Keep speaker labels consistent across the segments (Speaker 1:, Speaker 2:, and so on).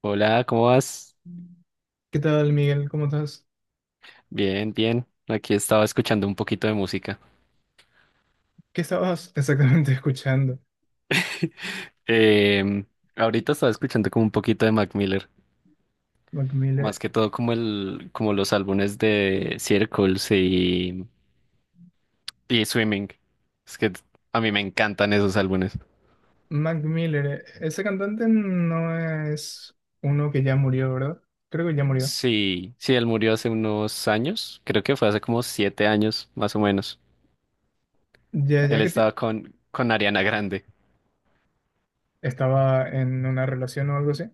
Speaker 1: Hola, ¿cómo vas?
Speaker 2: ¿Qué tal, Miguel? ¿Cómo estás?
Speaker 1: Bien, bien. Aquí estaba escuchando un poquito de música.
Speaker 2: ¿Qué estabas exactamente escuchando?
Speaker 1: Em, Ahorita estaba escuchando como un poquito de Mac Miller,
Speaker 2: Mac
Speaker 1: más
Speaker 2: Miller.
Speaker 1: que todo como los álbumes de Circles y Swimming. Es que a mí me encantan esos álbumes.
Speaker 2: Mac Miller, ese cantante no es uno que ya murió, ¿verdad? Creo que ya murió.
Speaker 1: Sí, sí, él murió hace unos años, creo que fue hace como 7 años, más o menos.
Speaker 2: Ya,
Speaker 1: Él
Speaker 2: ya,
Speaker 1: estaba con Ariana Grande.
Speaker 2: estaba en una relación o algo así.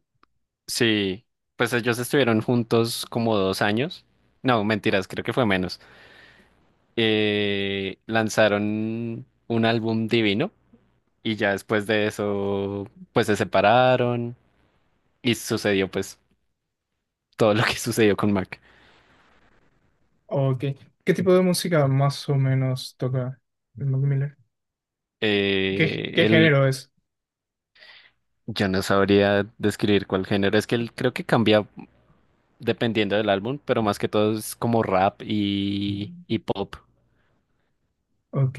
Speaker 1: Sí, pues ellos estuvieron juntos como 2 años. No, mentiras, creo que fue menos. Lanzaron un álbum divino y ya después de eso pues se separaron y sucedió pues todo lo que sucedió con Mac.
Speaker 2: ¿O qué tipo de música más o menos toca el Mac Miller? ¿Qué,
Speaker 1: Eh,
Speaker 2: qué
Speaker 1: él,
Speaker 2: género es?
Speaker 1: yo no sabría describir cuál género, es que él creo que cambia dependiendo del álbum, pero más que todo es como rap y pop.
Speaker 2: Ok,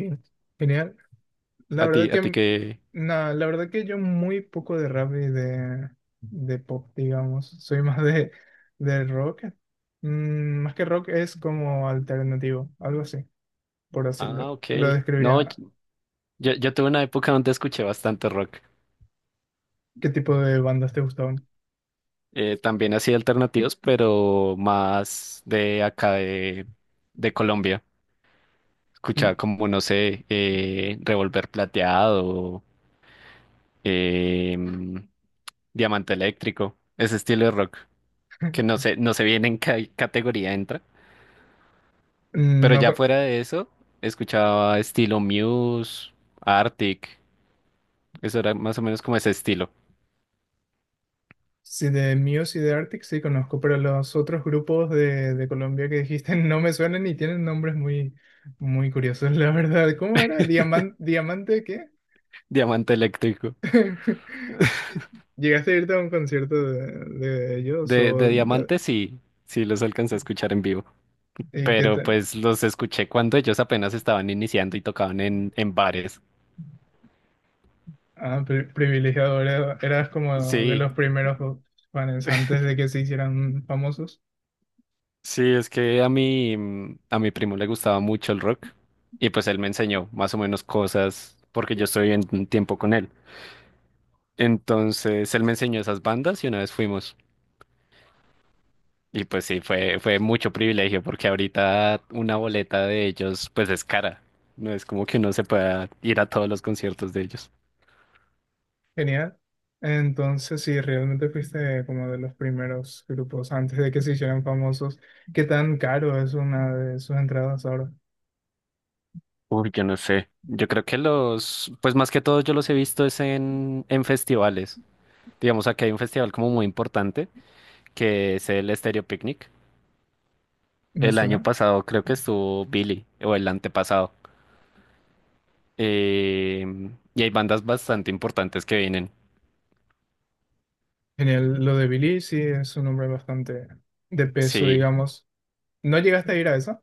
Speaker 2: genial. La
Speaker 1: A ti,
Speaker 2: verdad
Speaker 1: a
Speaker 2: que,
Speaker 1: ti que...
Speaker 2: no, la verdad que yo muy poco de rap y de pop, digamos. Soy más de rock. Más que rock es como alternativo, algo así, por decirlo.
Speaker 1: Ah, ok.
Speaker 2: Lo
Speaker 1: No,
Speaker 2: describiría.
Speaker 1: yo tuve una época donde escuché bastante rock.
Speaker 2: ¿Qué tipo de bandas te gustaban?
Speaker 1: También así alternativos, pero más de acá de Colombia. Escuchaba como, no sé, Revolver Plateado, eh, Diamante Eléctrico, ese estilo de rock, que no sé, no sé bien en qué categoría entra. Pero
Speaker 2: No,
Speaker 1: ya fuera de eso, escuchaba estilo Muse, Arctic, eso era más o menos como ese estilo.
Speaker 2: sí, de Muse y de Arctic sí conozco, pero los otros grupos de Colombia que dijiste no me suenan y tienen nombres muy, muy curiosos, la verdad. ¿Cómo era? ¿Diamante? ¿Diamante qué?
Speaker 1: Diamante Eléctrico.
Speaker 2: ¿Llegaste a irte a un concierto de ellos
Speaker 1: De, de Diamante sí, sí los alcancé a escuchar en vivo.
Speaker 2: y qué
Speaker 1: Pero
Speaker 2: te-
Speaker 1: pues los escuché cuando ellos apenas estaban iniciando y tocaban en bares.
Speaker 2: ah, privilegiado, eras como de los
Speaker 1: Sí,
Speaker 2: primeros fans antes de que se hicieran famosos?
Speaker 1: sí, es que a mi primo le gustaba mucho el rock y pues él me enseñó más o menos cosas porque yo estoy en tiempo con él. Entonces él me enseñó esas bandas y una vez fuimos. Y pues sí, fue mucho privilegio porque ahorita una boleta de ellos pues es cara. No es como que uno se pueda ir a todos los conciertos de ellos.
Speaker 2: Genial. Entonces, si realmente fuiste como de los primeros grupos antes de que se hicieran famosos, ¿qué tan caro es una de sus entradas ahora?
Speaker 1: Uy, yo no sé. Yo creo que los, pues más que todo yo los he visto es en festivales. Digamos, aquí hay un festival como muy importante que es el Stereo Picnic.
Speaker 2: ¿Me
Speaker 1: El año
Speaker 2: suena?
Speaker 1: pasado creo que estuvo Billy o el antepasado. Eh, y hay bandas bastante importantes que vienen.
Speaker 2: Genial. Lo de Billy sí es un nombre bastante de peso,
Speaker 1: Sí,
Speaker 2: digamos. ¿No llegaste a ir a esa?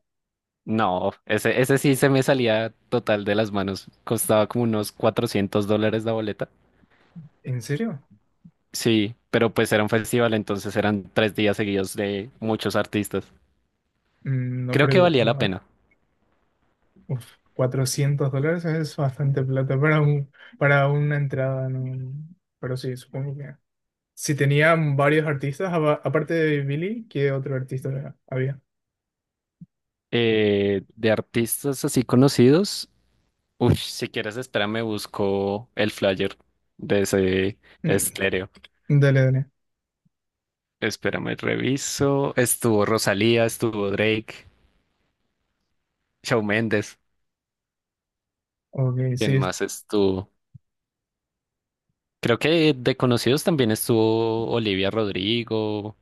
Speaker 1: no, ese sí se me salía total de las manos. Costaba como unos 400 dólares la boleta.
Speaker 2: ¿En serio?
Speaker 1: Sí, pero pues era un festival, entonces eran 3 días seguidos de muchos artistas.
Speaker 2: No,
Speaker 1: Creo
Speaker 2: pero
Speaker 1: que valía la
Speaker 2: igual.
Speaker 1: pena.
Speaker 2: Uf, $400 es bastante plata para para una entrada, ¿no? Pero sí, supongo que. Si tenían varios artistas, aparte de Billy, ¿qué otro artista había?
Speaker 1: De artistas así conocidos, uy, si quieres, espérame, busco el flyer de ese
Speaker 2: Mm,
Speaker 1: estéreo.
Speaker 2: Dale, dale.
Speaker 1: Espérame, reviso. Estuvo Rosalía, estuvo Drake, Shawn Mendes.
Speaker 2: Ok, sí.
Speaker 1: ¿Quién más estuvo? Creo que de conocidos también estuvo Olivia Rodrigo,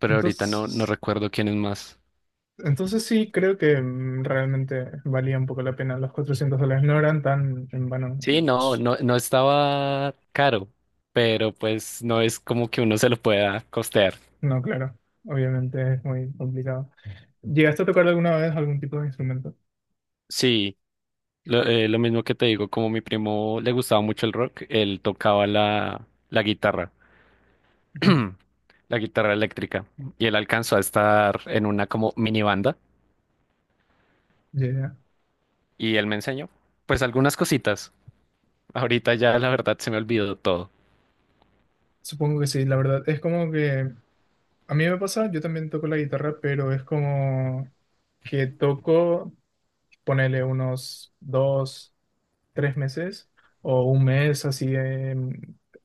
Speaker 1: pero ahorita no, no
Speaker 2: Entonces,
Speaker 1: recuerdo quiénes más.
Speaker 2: entonces sí, creo que realmente valía un poco la pena. Los $400 no eran tan en vano.
Speaker 1: Sí, no, no, no estaba caro, pero pues no es como que uno se lo pueda costear.
Speaker 2: No, claro. Obviamente es muy complicado. ¿Llegaste a tocar alguna vez algún tipo de instrumento?
Speaker 1: Sí, lo mismo que te digo, como mi primo le gustaba mucho el rock, él tocaba la guitarra,
Speaker 2: Ujú.
Speaker 1: la guitarra eléctrica, y él alcanzó a estar en una como mini banda,
Speaker 2: Ya, ya.
Speaker 1: y él me enseñó, pues algunas cositas. Ahorita ya la verdad se me olvidó todo.
Speaker 2: Supongo que sí, la verdad. Es como que a mí me pasa, yo también toco la guitarra, pero es como que toco, ponele unos dos, tres meses o un mes así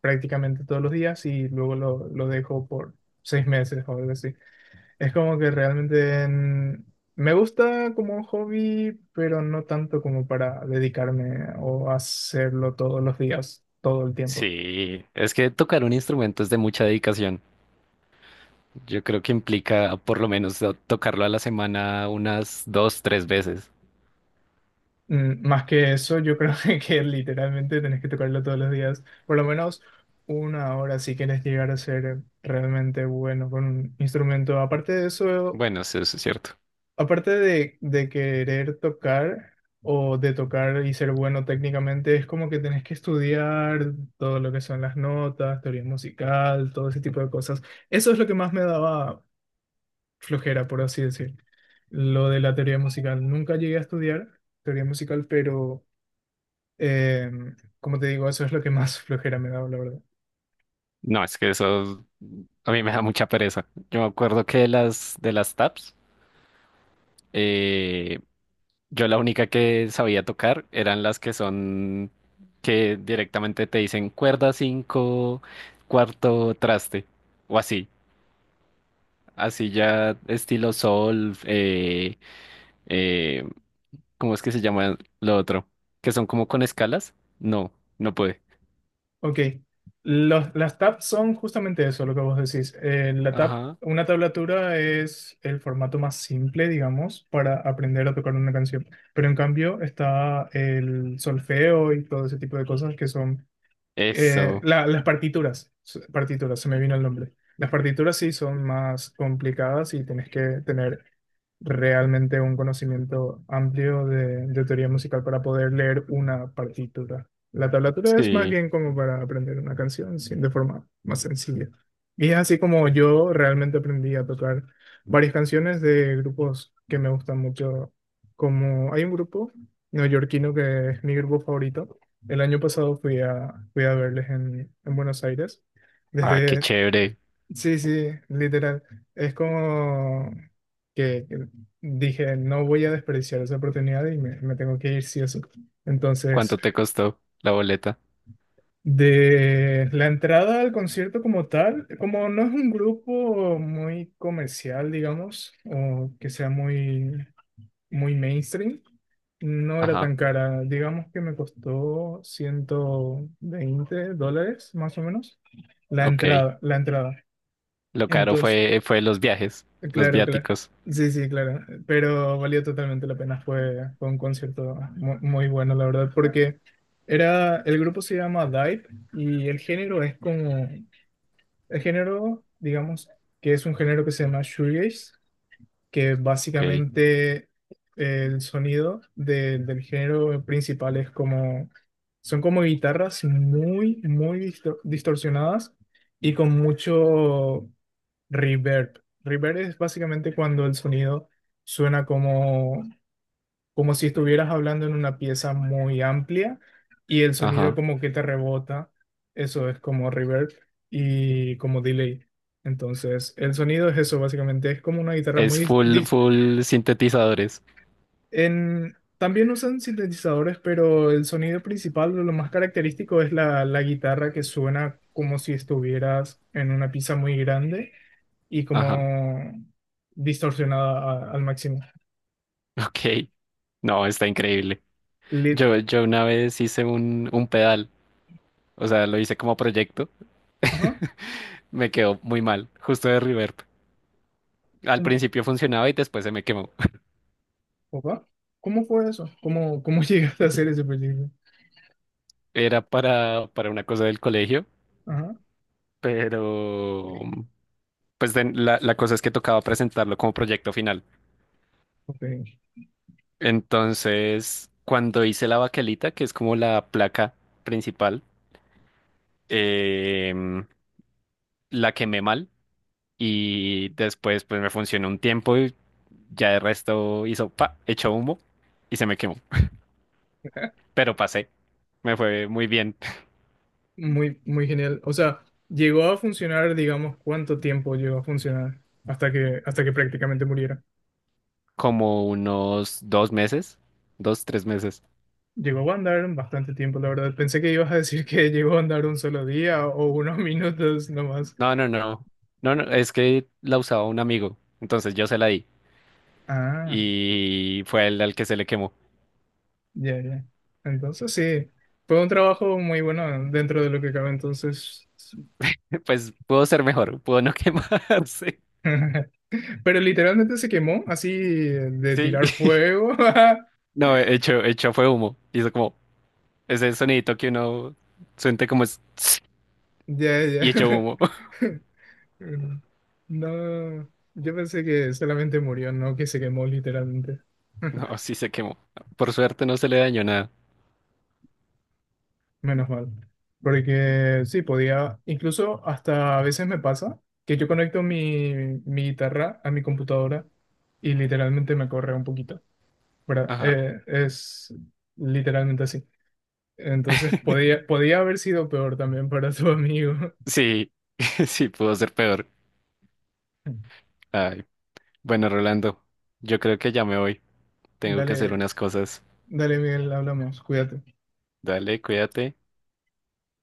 Speaker 2: prácticamente todos los días y luego lo dejo por 6 meses o algo así. Es como que realmente me gusta como hobby, pero no tanto como para dedicarme o hacerlo todos los días, todo el tiempo.
Speaker 1: Sí, es que tocar un instrumento es de mucha dedicación. Yo creo que implica por lo menos tocarlo a la semana unas 2, 3 veces.
Speaker 2: Más que eso, yo creo que, literalmente tenés que tocarlo todos los días, por lo menos una hora si quieres llegar a ser realmente bueno con un instrumento. Aparte de eso,
Speaker 1: Bueno, sí, eso es cierto.
Speaker 2: aparte de querer tocar o de tocar y ser bueno técnicamente, es como que tenés que estudiar todo lo que son las notas, teoría musical, todo ese tipo de cosas. Eso es lo que más me daba flojera, por así decir. Lo de la teoría musical. Nunca llegué a estudiar teoría musical, pero. Eh, como te digo, eso es lo que más flojera me da, la verdad.
Speaker 1: No, es que eso a mí me da mucha pereza. Yo me acuerdo que de las tabs, eh, yo la única que sabía tocar eran las que son que directamente te dicen cuerda 5 cuarto traste o así. Así ya estilo sol, eh, ¿cómo es que se llama lo otro? Que son como con escalas. No, no puede.
Speaker 2: Ok, las tabs son justamente eso, lo que vos decís. La tab,
Speaker 1: Ajá.
Speaker 2: una tablatura es el formato más simple, digamos, para aprender a tocar una canción. Pero en cambio está el solfeo y todo ese tipo de cosas que son
Speaker 1: Eso.
Speaker 2: las partituras, partituras, se me vino el nombre. Las partituras sí son más complicadas y tienes que tener realmente un conocimiento amplio de teoría musical para poder leer una partitura. La tablatura es más
Speaker 1: Sí.
Speaker 2: bien como para aprender una canción sí, de forma más sencilla. Y es así como yo realmente aprendí a tocar varias canciones de grupos que me gustan mucho, como hay un grupo neoyorquino que es mi grupo favorito. El año pasado fui a verles en Buenos Aires.
Speaker 1: Ah, qué
Speaker 2: Desde,
Speaker 1: chévere.
Speaker 2: sí, sí, literal. Es como que dije, no voy a desperdiciar esa oportunidad y me tengo que ir sí o sí. Entonces,
Speaker 1: ¿Cuánto te costó la boleta?
Speaker 2: de la entrada al concierto como tal, como no es un grupo muy comercial, digamos, o que sea muy muy mainstream. No era
Speaker 1: Ajá,
Speaker 2: tan cara. Digamos que me costó $120, más o menos, la
Speaker 1: ok.
Speaker 2: entrada, la entrada.
Speaker 1: Lo caro
Speaker 2: Entonces,
Speaker 1: fue los viajes, los
Speaker 2: claro, claro.
Speaker 1: viáticos.
Speaker 2: Sí, sí, claro. Pero valió totalmente la pena. Fue un concierto muy, bueno, la verdad, porque el grupo se llama Dive y el género es como, el género, digamos, que es un género que se llama shoegaze que
Speaker 1: Ok,
Speaker 2: básicamente el sonido del género principal es como, son como guitarras muy, muy distorsionadas y con mucho reverb. Reverb es básicamente cuando el sonido suena como si estuvieras hablando en una pieza muy amplia y el sonido
Speaker 1: ajá.
Speaker 2: como que te rebota. Eso es como reverb y como delay. Entonces, el sonido es eso, básicamente. Es como una guitarra muy
Speaker 1: Es full, full sintetizadores.
Speaker 2: también usan sintetizadores, pero el sonido principal, lo más característico, es la guitarra que suena como si estuvieras en una pizza muy grande y
Speaker 1: Ajá,
Speaker 2: como distorsionada al máximo.
Speaker 1: ok. No, está increíble.
Speaker 2: Lit-
Speaker 1: Yo una vez hice un pedal, o sea, lo hice como proyecto.
Speaker 2: Ajá.
Speaker 1: Me quedó muy mal, justo de reverb. Al
Speaker 2: Mm,
Speaker 1: principio funcionaba y después se me quemó.
Speaker 2: opa. ¿Cómo fue eso? ¿Cómo llegaste a hacer ese proyecto?
Speaker 1: Era para una cosa del colegio,
Speaker 2: Ajá.
Speaker 1: pero pues la cosa es que tocaba presentarlo como proyecto final.
Speaker 2: Ok.
Speaker 1: Entonces, cuando hice la baquelita, que es como la placa principal, em, la quemé mal y después pues me funcionó un tiempo y ya el resto hizo pa, echó humo y se me quemó. Pero pasé, me fue muy bien,
Speaker 2: Muy, muy genial. O sea, llegó a funcionar, digamos, ¿cuánto tiempo llegó a funcionar hasta que prácticamente muriera?
Speaker 1: como unos 2 meses, 2, 3 meses.
Speaker 2: Llegó a andar bastante tiempo, la verdad. Pensé que ibas a decir que llegó a andar un solo día o unos minutos nomás.
Speaker 1: No, no, no, no, no, es que la usaba un amigo, entonces yo se la di.
Speaker 2: Ah,
Speaker 1: Y fue él al que se le quemó.
Speaker 2: ya, ya. Entonces sí, fue un trabajo muy bueno dentro de lo que cabe entonces.
Speaker 1: Pues pudo ser mejor, pudo no quemarse.
Speaker 2: Pero literalmente se quemó así de
Speaker 1: Sí.
Speaker 2: tirar fuego.
Speaker 1: No, hecho fue humo. Hizo como ese sonidito que uno siente como es
Speaker 2: Ya, ya.
Speaker 1: y hecho humo.
Speaker 2: No, yo pensé que solamente murió, no que se quemó literalmente.
Speaker 1: No, sí se quemó. Por suerte no se le dañó nada.
Speaker 2: Menos mal. Porque sí, podía, incluso hasta a veces me pasa que yo conecto mi guitarra a mi computadora y literalmente me corre un poquito, ¿verdad?
Speaker 1: Ajá.
Speaker 2: Es literalmente así. Entonces podía haber sido peor también para tu amigo.
Speaker 1: Sí, sí pudo ser peor. Ay. Bueno, Rolando, yo creo que ya me voy. Tengo que hacer
Speaker 2: Dale,
Speaker 1: unas cosas.
Speaker 2: dale, Miguel, hablamos, cuídate.
Speaker 1: Dale, cuídate.